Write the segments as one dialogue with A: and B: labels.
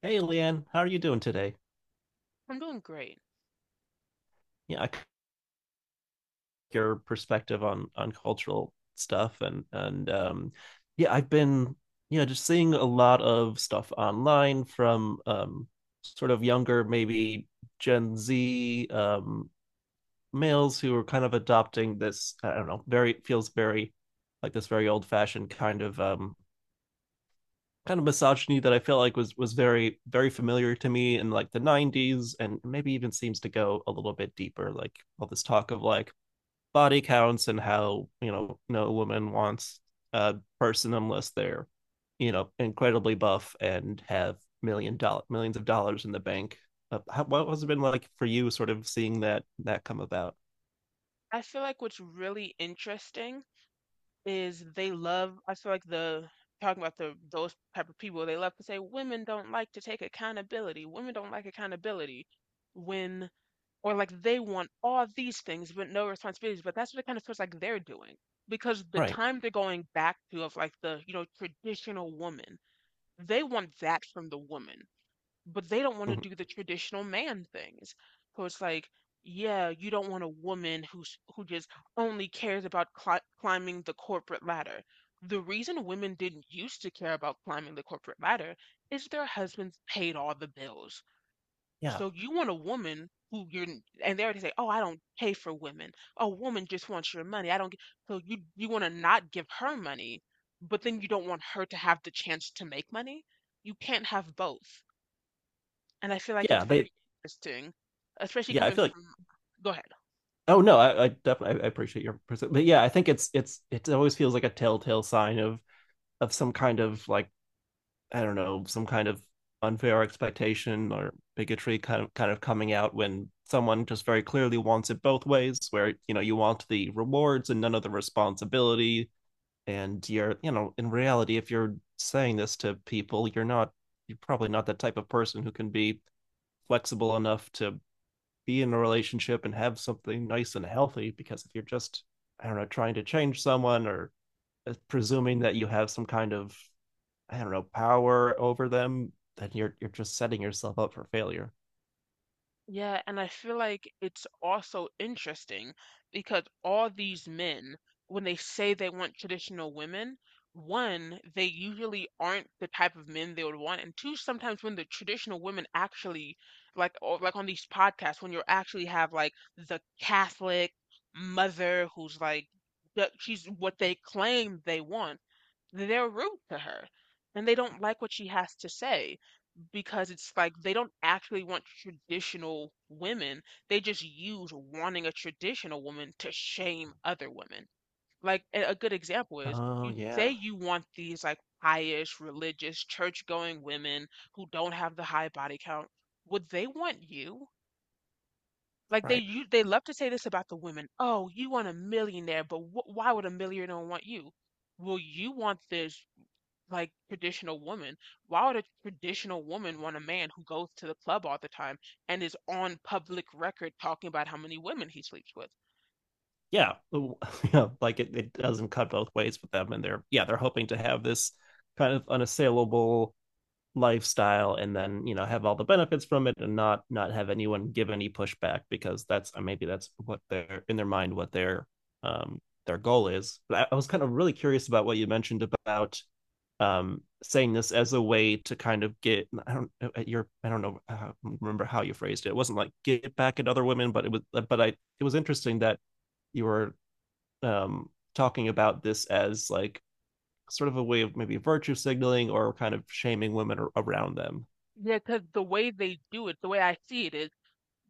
A: Hey, Leanne, how are you doing today?
B: I'm doing great.
A: Yeah, your perspective on cultural stuff and yeah, just seeing a lot of stuff online from sort of younger, maybe Gen Z, males who are kind of adopting this, I don't know, very feels very, like, this very old-fashioned kind of, kind of misogyny that I feel like was very, very familiar to me in like the 90s, and maybe even seems to go a little bit deeper, like all this talk of, like, body counts, and how, you know, no woman wants a person unless they're, you know, incredibly buff and have millions of dollars in the bank. What has it been like for you, sort of seeing that come about?
B: I feel like what's really interesting is they love, I feel like the talking about the those type of people. They love to say women don't like to take accountability. Women don't like accountability when, or like, they want all these things but no responsibilities. But that's what it kind of feels like they're doing. Because the
A: Right.
B: time they're going back to of, like, the, you know, traditional woman, they want that from the woman, but they don't want to
A: mm-hmm.
B: do the traditional man things. So it's like, yeah, you don't want a woman who just only cares about climbing the corporate ladder. The reason women didn't used to care about climbing the corporate ladder is their husbands paid all the bills.
A: Yeah.
B: So you want a woman who you're, and they already say, oh, I don't pay for women. A woman just wants your money. I don't. G-" So you want to not give her money, but then you don't want her to have the chance to make money. You can't have both. And I feel like it's
A: yeah they
B: very interesting, especially
A: Yeah, i
B: coming
A: feel like
B: from— Go ahead.
A: Oh, no, I appreciate your perspective, but yeah, I think it always feels like a telltale sign of, some kind of, like, I don't know, some kind of unfair expectation or bigotry, kind of coming out when someone just very clearly wants it both ways, where, you know, you want the rewards and none of the responsibility, and you know, in reality, if you're saying this to people, you're not, you're probably not that type of person who can be flexible enough to be in a relationship and have something nice and healthy, because if you're just, I don't know, trying to change someone, or presuming that you have some kind of, I don't know, power over them, then you're just setting yourself up for failure.
B: Yeah, and I feel like it's also interesting because all these men, when they say they want traditional women, one, they usually aren't the type of men they would want, and two, sometimes when the traditional women actually, like, or like on these podcasts, when you actually have like the Catholic mother who's like, that she's what they claim they want, they're rude to her and they don't like what she has to say because it's like they don't actually want traditional women. They just use wanting a traditional woman to shame other women. Like a good example is
A: Oh,
B: you say
A: yeah.
B: you want these like pious, religious, church-going women who don't have the high body count. Would they want you? Like,
A: Right.
B: they love to say this about the women. Oh, you want a millionaire, but wh why would a millionaire want you? Well, you want this like traditional woman. Why would a traditional woman want a man who goes to the club all the time and is on public record talking about how many women he sleeps with?
A: Yeah. Yeah, like it doesn't cut both ways with them, and they're hoping to have this kind of unassailable lifestyle, and then, you know, have all the benefits from it, and not have anyone give any pushback, because that's, maybe that's what they're, in their mind, what their goal is. But I was kind of really curious about what you mentioned about, saying this as a way to kind of, get I don't, at your I don't know, remember how you phrased it. It wasn't like get back at other women, but it was, but I it was interesting that you were, um talking about this as, like, sort of a way of maybe virtue signaling or kind of shaming women around them.
B: Yeah, because the way they do it, the way I see it is,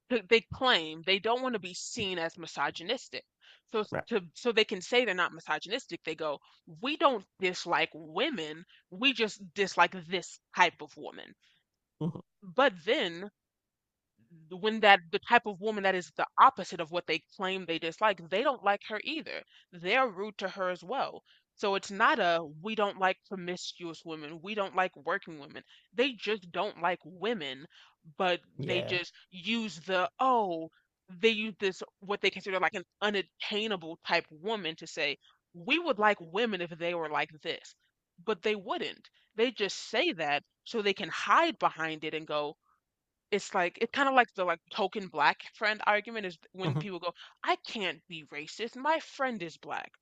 B: they claim they don't want to be seen as misogynistic. So s- to so they can say they're not misogynistic, they go, "We don't dislike women, we just dislike this type of woman."
A: Mhm.
B: But then the- when that the type of woman that is the opposite of what they claim they dislike, they don't like her either. They're rude to her as well. So it's not a we don't like promiscuous women, we don't like working women. They just don't like women, but they
A: Yeah.
B: just use the oh, they use this what they consider like an unattainable type woman to say, we would like women if they were like this. But they wouldn't. They just say that so they can hide behind it and go, it's like it's kinda like the, like, token black friend argument is when
A: Mhm.
B: people go, "I can't be racist, my friend is black."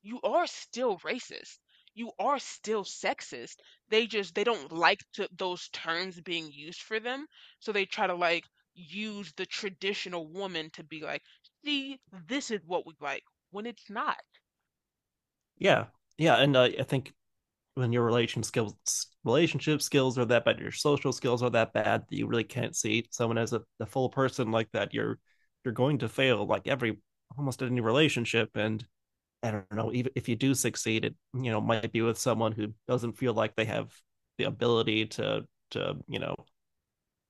B: You are still racist. You are still sexist. They just, they don't like to those terms being used for them, so they try to, like, use the traditional woman to be like, "See, this is what we like," when it's not.
A: Yeah. Yeah. And, I think when your relationship skills are that bad, your social skills are that bad, that you really can't see someone as a full person like that, you're going to fail like every almost any relationship. And, I don't know, even if you do succeed, it, you know, might be with someone who doesn't feel like they have the ability to, to you know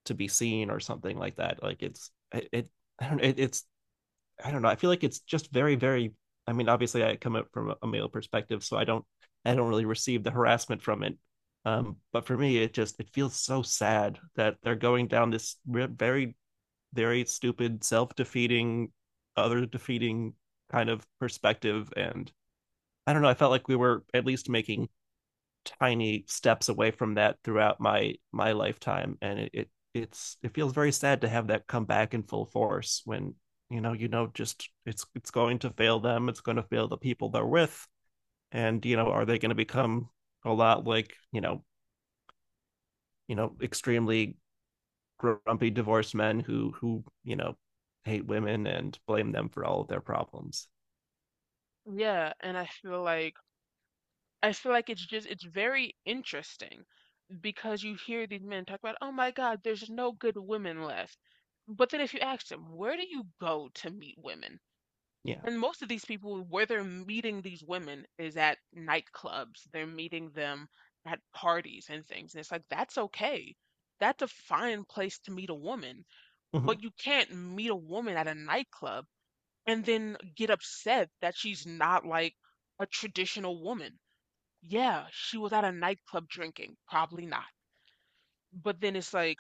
A: to be seen or something like that. Like it's it, it I don't know, it's I don't know. I feel like it's just very, very. I mean, obviously, I come up from male perspective, so I don't really receive the harassment from it. But for me, it feels so sad that they're going down this very, very stupid, self-defeating, other defeating kind of perspective. And I don't know. I felt like we were at least making tiny steps away from that throughout my lifetime, and it feels very sad to have that come back in full force, when, just it's going to fail them, it's going to fail the people they're with. And, you know, are they going to become a lot like, you know, extremely grumpy divorced men who, you know, hate women and blame them for all of their problems.
B: Yeah, and I feel like— I feel like it's just, it's very interesting, because you hear these men talk about, oh my God, there's no good women left. But then if you ask them, where do you go to meet women?
A: Yeah.
B: And most of these people, where they're meeting these women is at nightclubs. They're meeting them at parties and things. And it's like, that's okay. That's a fine place to meet a woman.
A: mm-hmm.
B: But you can't meet a woman at a nightclub and then get upset that she's not like a traditional woman. Yeah, she was at a nightclub drinking. Probably not. But then it's like,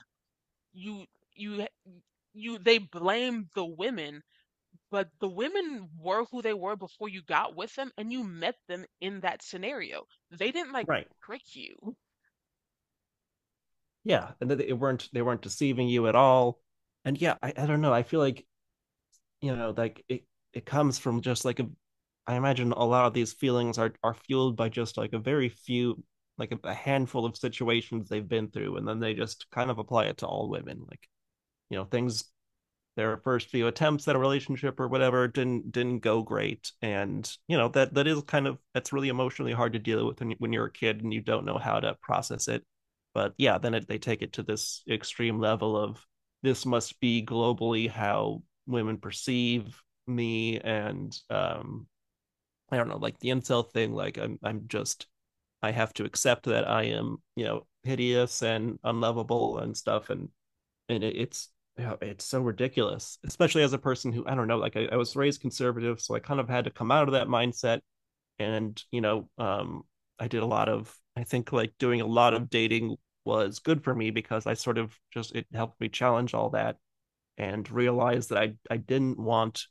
B: you you you they blame the women, but the women were who they were before you got with them and you met them in that scenario. They didn't like
A: Right.
B: trick you.
A: Yeah, and they weren't deceiving you at all. And, yeah, I don't know, I feel like, you know, like it comes from just like, a I imagine a lot of these feelings are fueled by just like a very few, like, a handful of situations they've been through. And then they just kind of apply it to all women, like, you know, things, their first few attempts at a relationship or whatever didn't go great, and, you know, that that is kind of that's really emotionally hard to deal with when, you're a kid and you don't know how to process it. But yeah, they take it to this extreme level of, this must be globally how women perceive me. And, I don't know, like the incel thing, like, I have to accept that I am, you know, hideous and unlovable and stuff. And it's yeah, it's so ridiculous, especially as a person who, I don't know, like I was raised conservative, so I kind of had to come out of that mindset. And, you know, I think, like, doing a lot of dating was good for me, because I sort of just it helped me challenge all that, and realize that I didn't want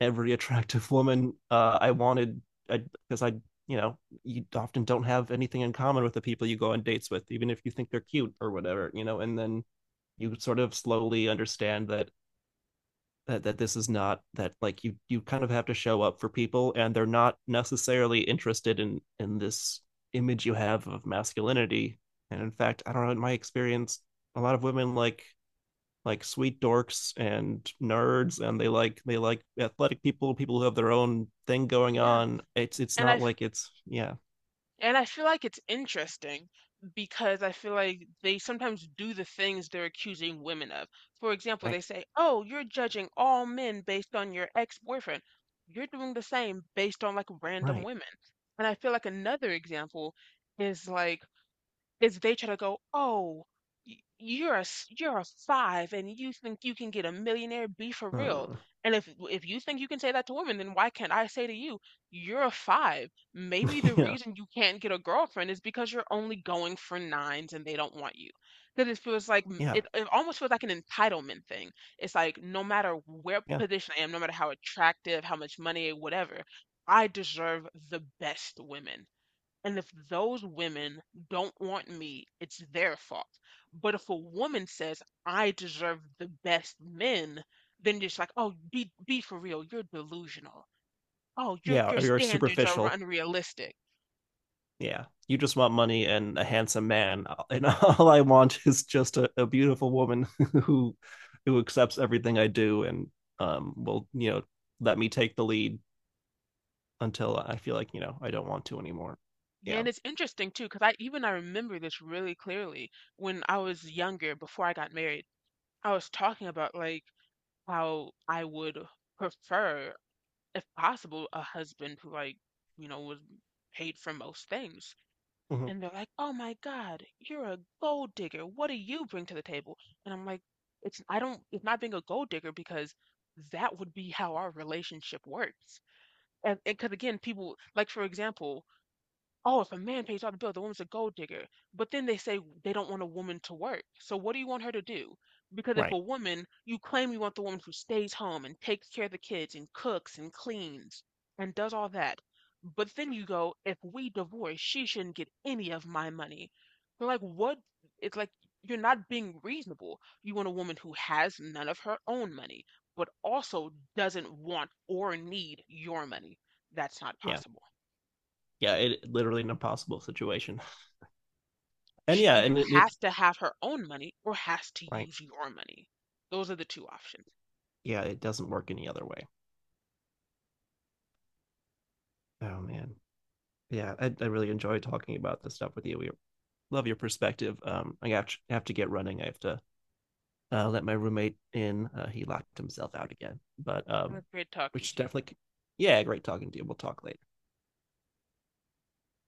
A: every attractive woman. I wanted, because I you know, you often don't have anything in common with the people you go on dates with, even if you think they're cute or whatever, you know. And then you sort of slowly understand that, that this is not that, like, you kind of have to show up for people, and they're not necessarily interested in, this image you have of masculinity. And in fact, I don't know, in my experience, a lot of women like sweet dorks and nerds, and they like athletic people, who have their own thing going
B: Yeah.
A: on. It's
B: And I
A: not
B: f-
A: like it's, yeah.
B: and I feel like it's interesting because I feel like they sometimes do the things they're accusing women of. For example,
A: Right.
B: they say, "Oh, you're judging all men based on your ex-boyfriend." You're doing the same based on like random
A: Right.
B: women. And I feel like another example is like is they try to go, oh, you're a five, and you think you can get a millionaire? Be for real.
A: uh,
B: And if you think you can say that to women, then why can't I say to you, you're a five? Maybe the
A: yeah,
B: reason you can't get a girlfriend is because you're only going for nines, and they don't want you. Because it feels like m-
A: yeah,
B: it, it almost feels like an entitlement thing. It's like no matter where
A: yeah.
B: position I am, no matter how attractive, how much money, whatever, I deserve the best women. And if those women don't want me, it's their fault. But if a woman says, I deserve the best men, then just like, oh, be for real, you're delusional. Oh, your
A: Yeah,
B: your
A: or you're
B: standards are
A: superficial.
B: unrealistic.
A: Yeah. You just want money and a handsome man. And all I want is just a beautiful woman, who who accepts everything I do, and, will, you know, let me take the lead until I feel like, you know, I don't want to anymore.
B: Yeah,
A: Yeah.
B: and it's interesting too, because I even I remember this really clearly when I was younger, before I got married, I was talking about like how I would prefer, if possible, a husband who like, you know, was paid for most things.
A: Hmm.
B: And they're like, "Oh my God, you're a gold digger. What do you bring to the table?" And I'm like, "It's— I don't— it's not being a gold digger because that would be how our relationship works." And because again, people like for example, oh, if a man pays off the bill, the woman's a gold digger. But then they say they don't want a woman to work. So what do you want her to do? Because if a
A: Right.
B: woman, you claim you want the woman who stays home and takes care of the kids and cooks and cleans and does all that. But then you go, if we divorce, she shouldn't get any of my money. They're like, what? It's like you're not being reasonable. You want a woman who has none of her own money, but also doesn't want or need your money. That's not
A: Yeah.
B: possible.
A: Yeah, it literally an impossible situation. And,
B: She
A: yeah,
B: either
A: and it
B: has to have her own money or has to
A: right.
B: use your money. Those are the two options.
A: Yeah, it doesn't work any other way. Oh man, yeah, I really enjoy talking about this stuff with you. We love your perspective. I have to get running. I have to let my roommate in. He locked himself out again, but,
B: It was great
A: we
B: talking
A: should
B: to you.
A: definitely, yeah, great talking to you. We'll talk later.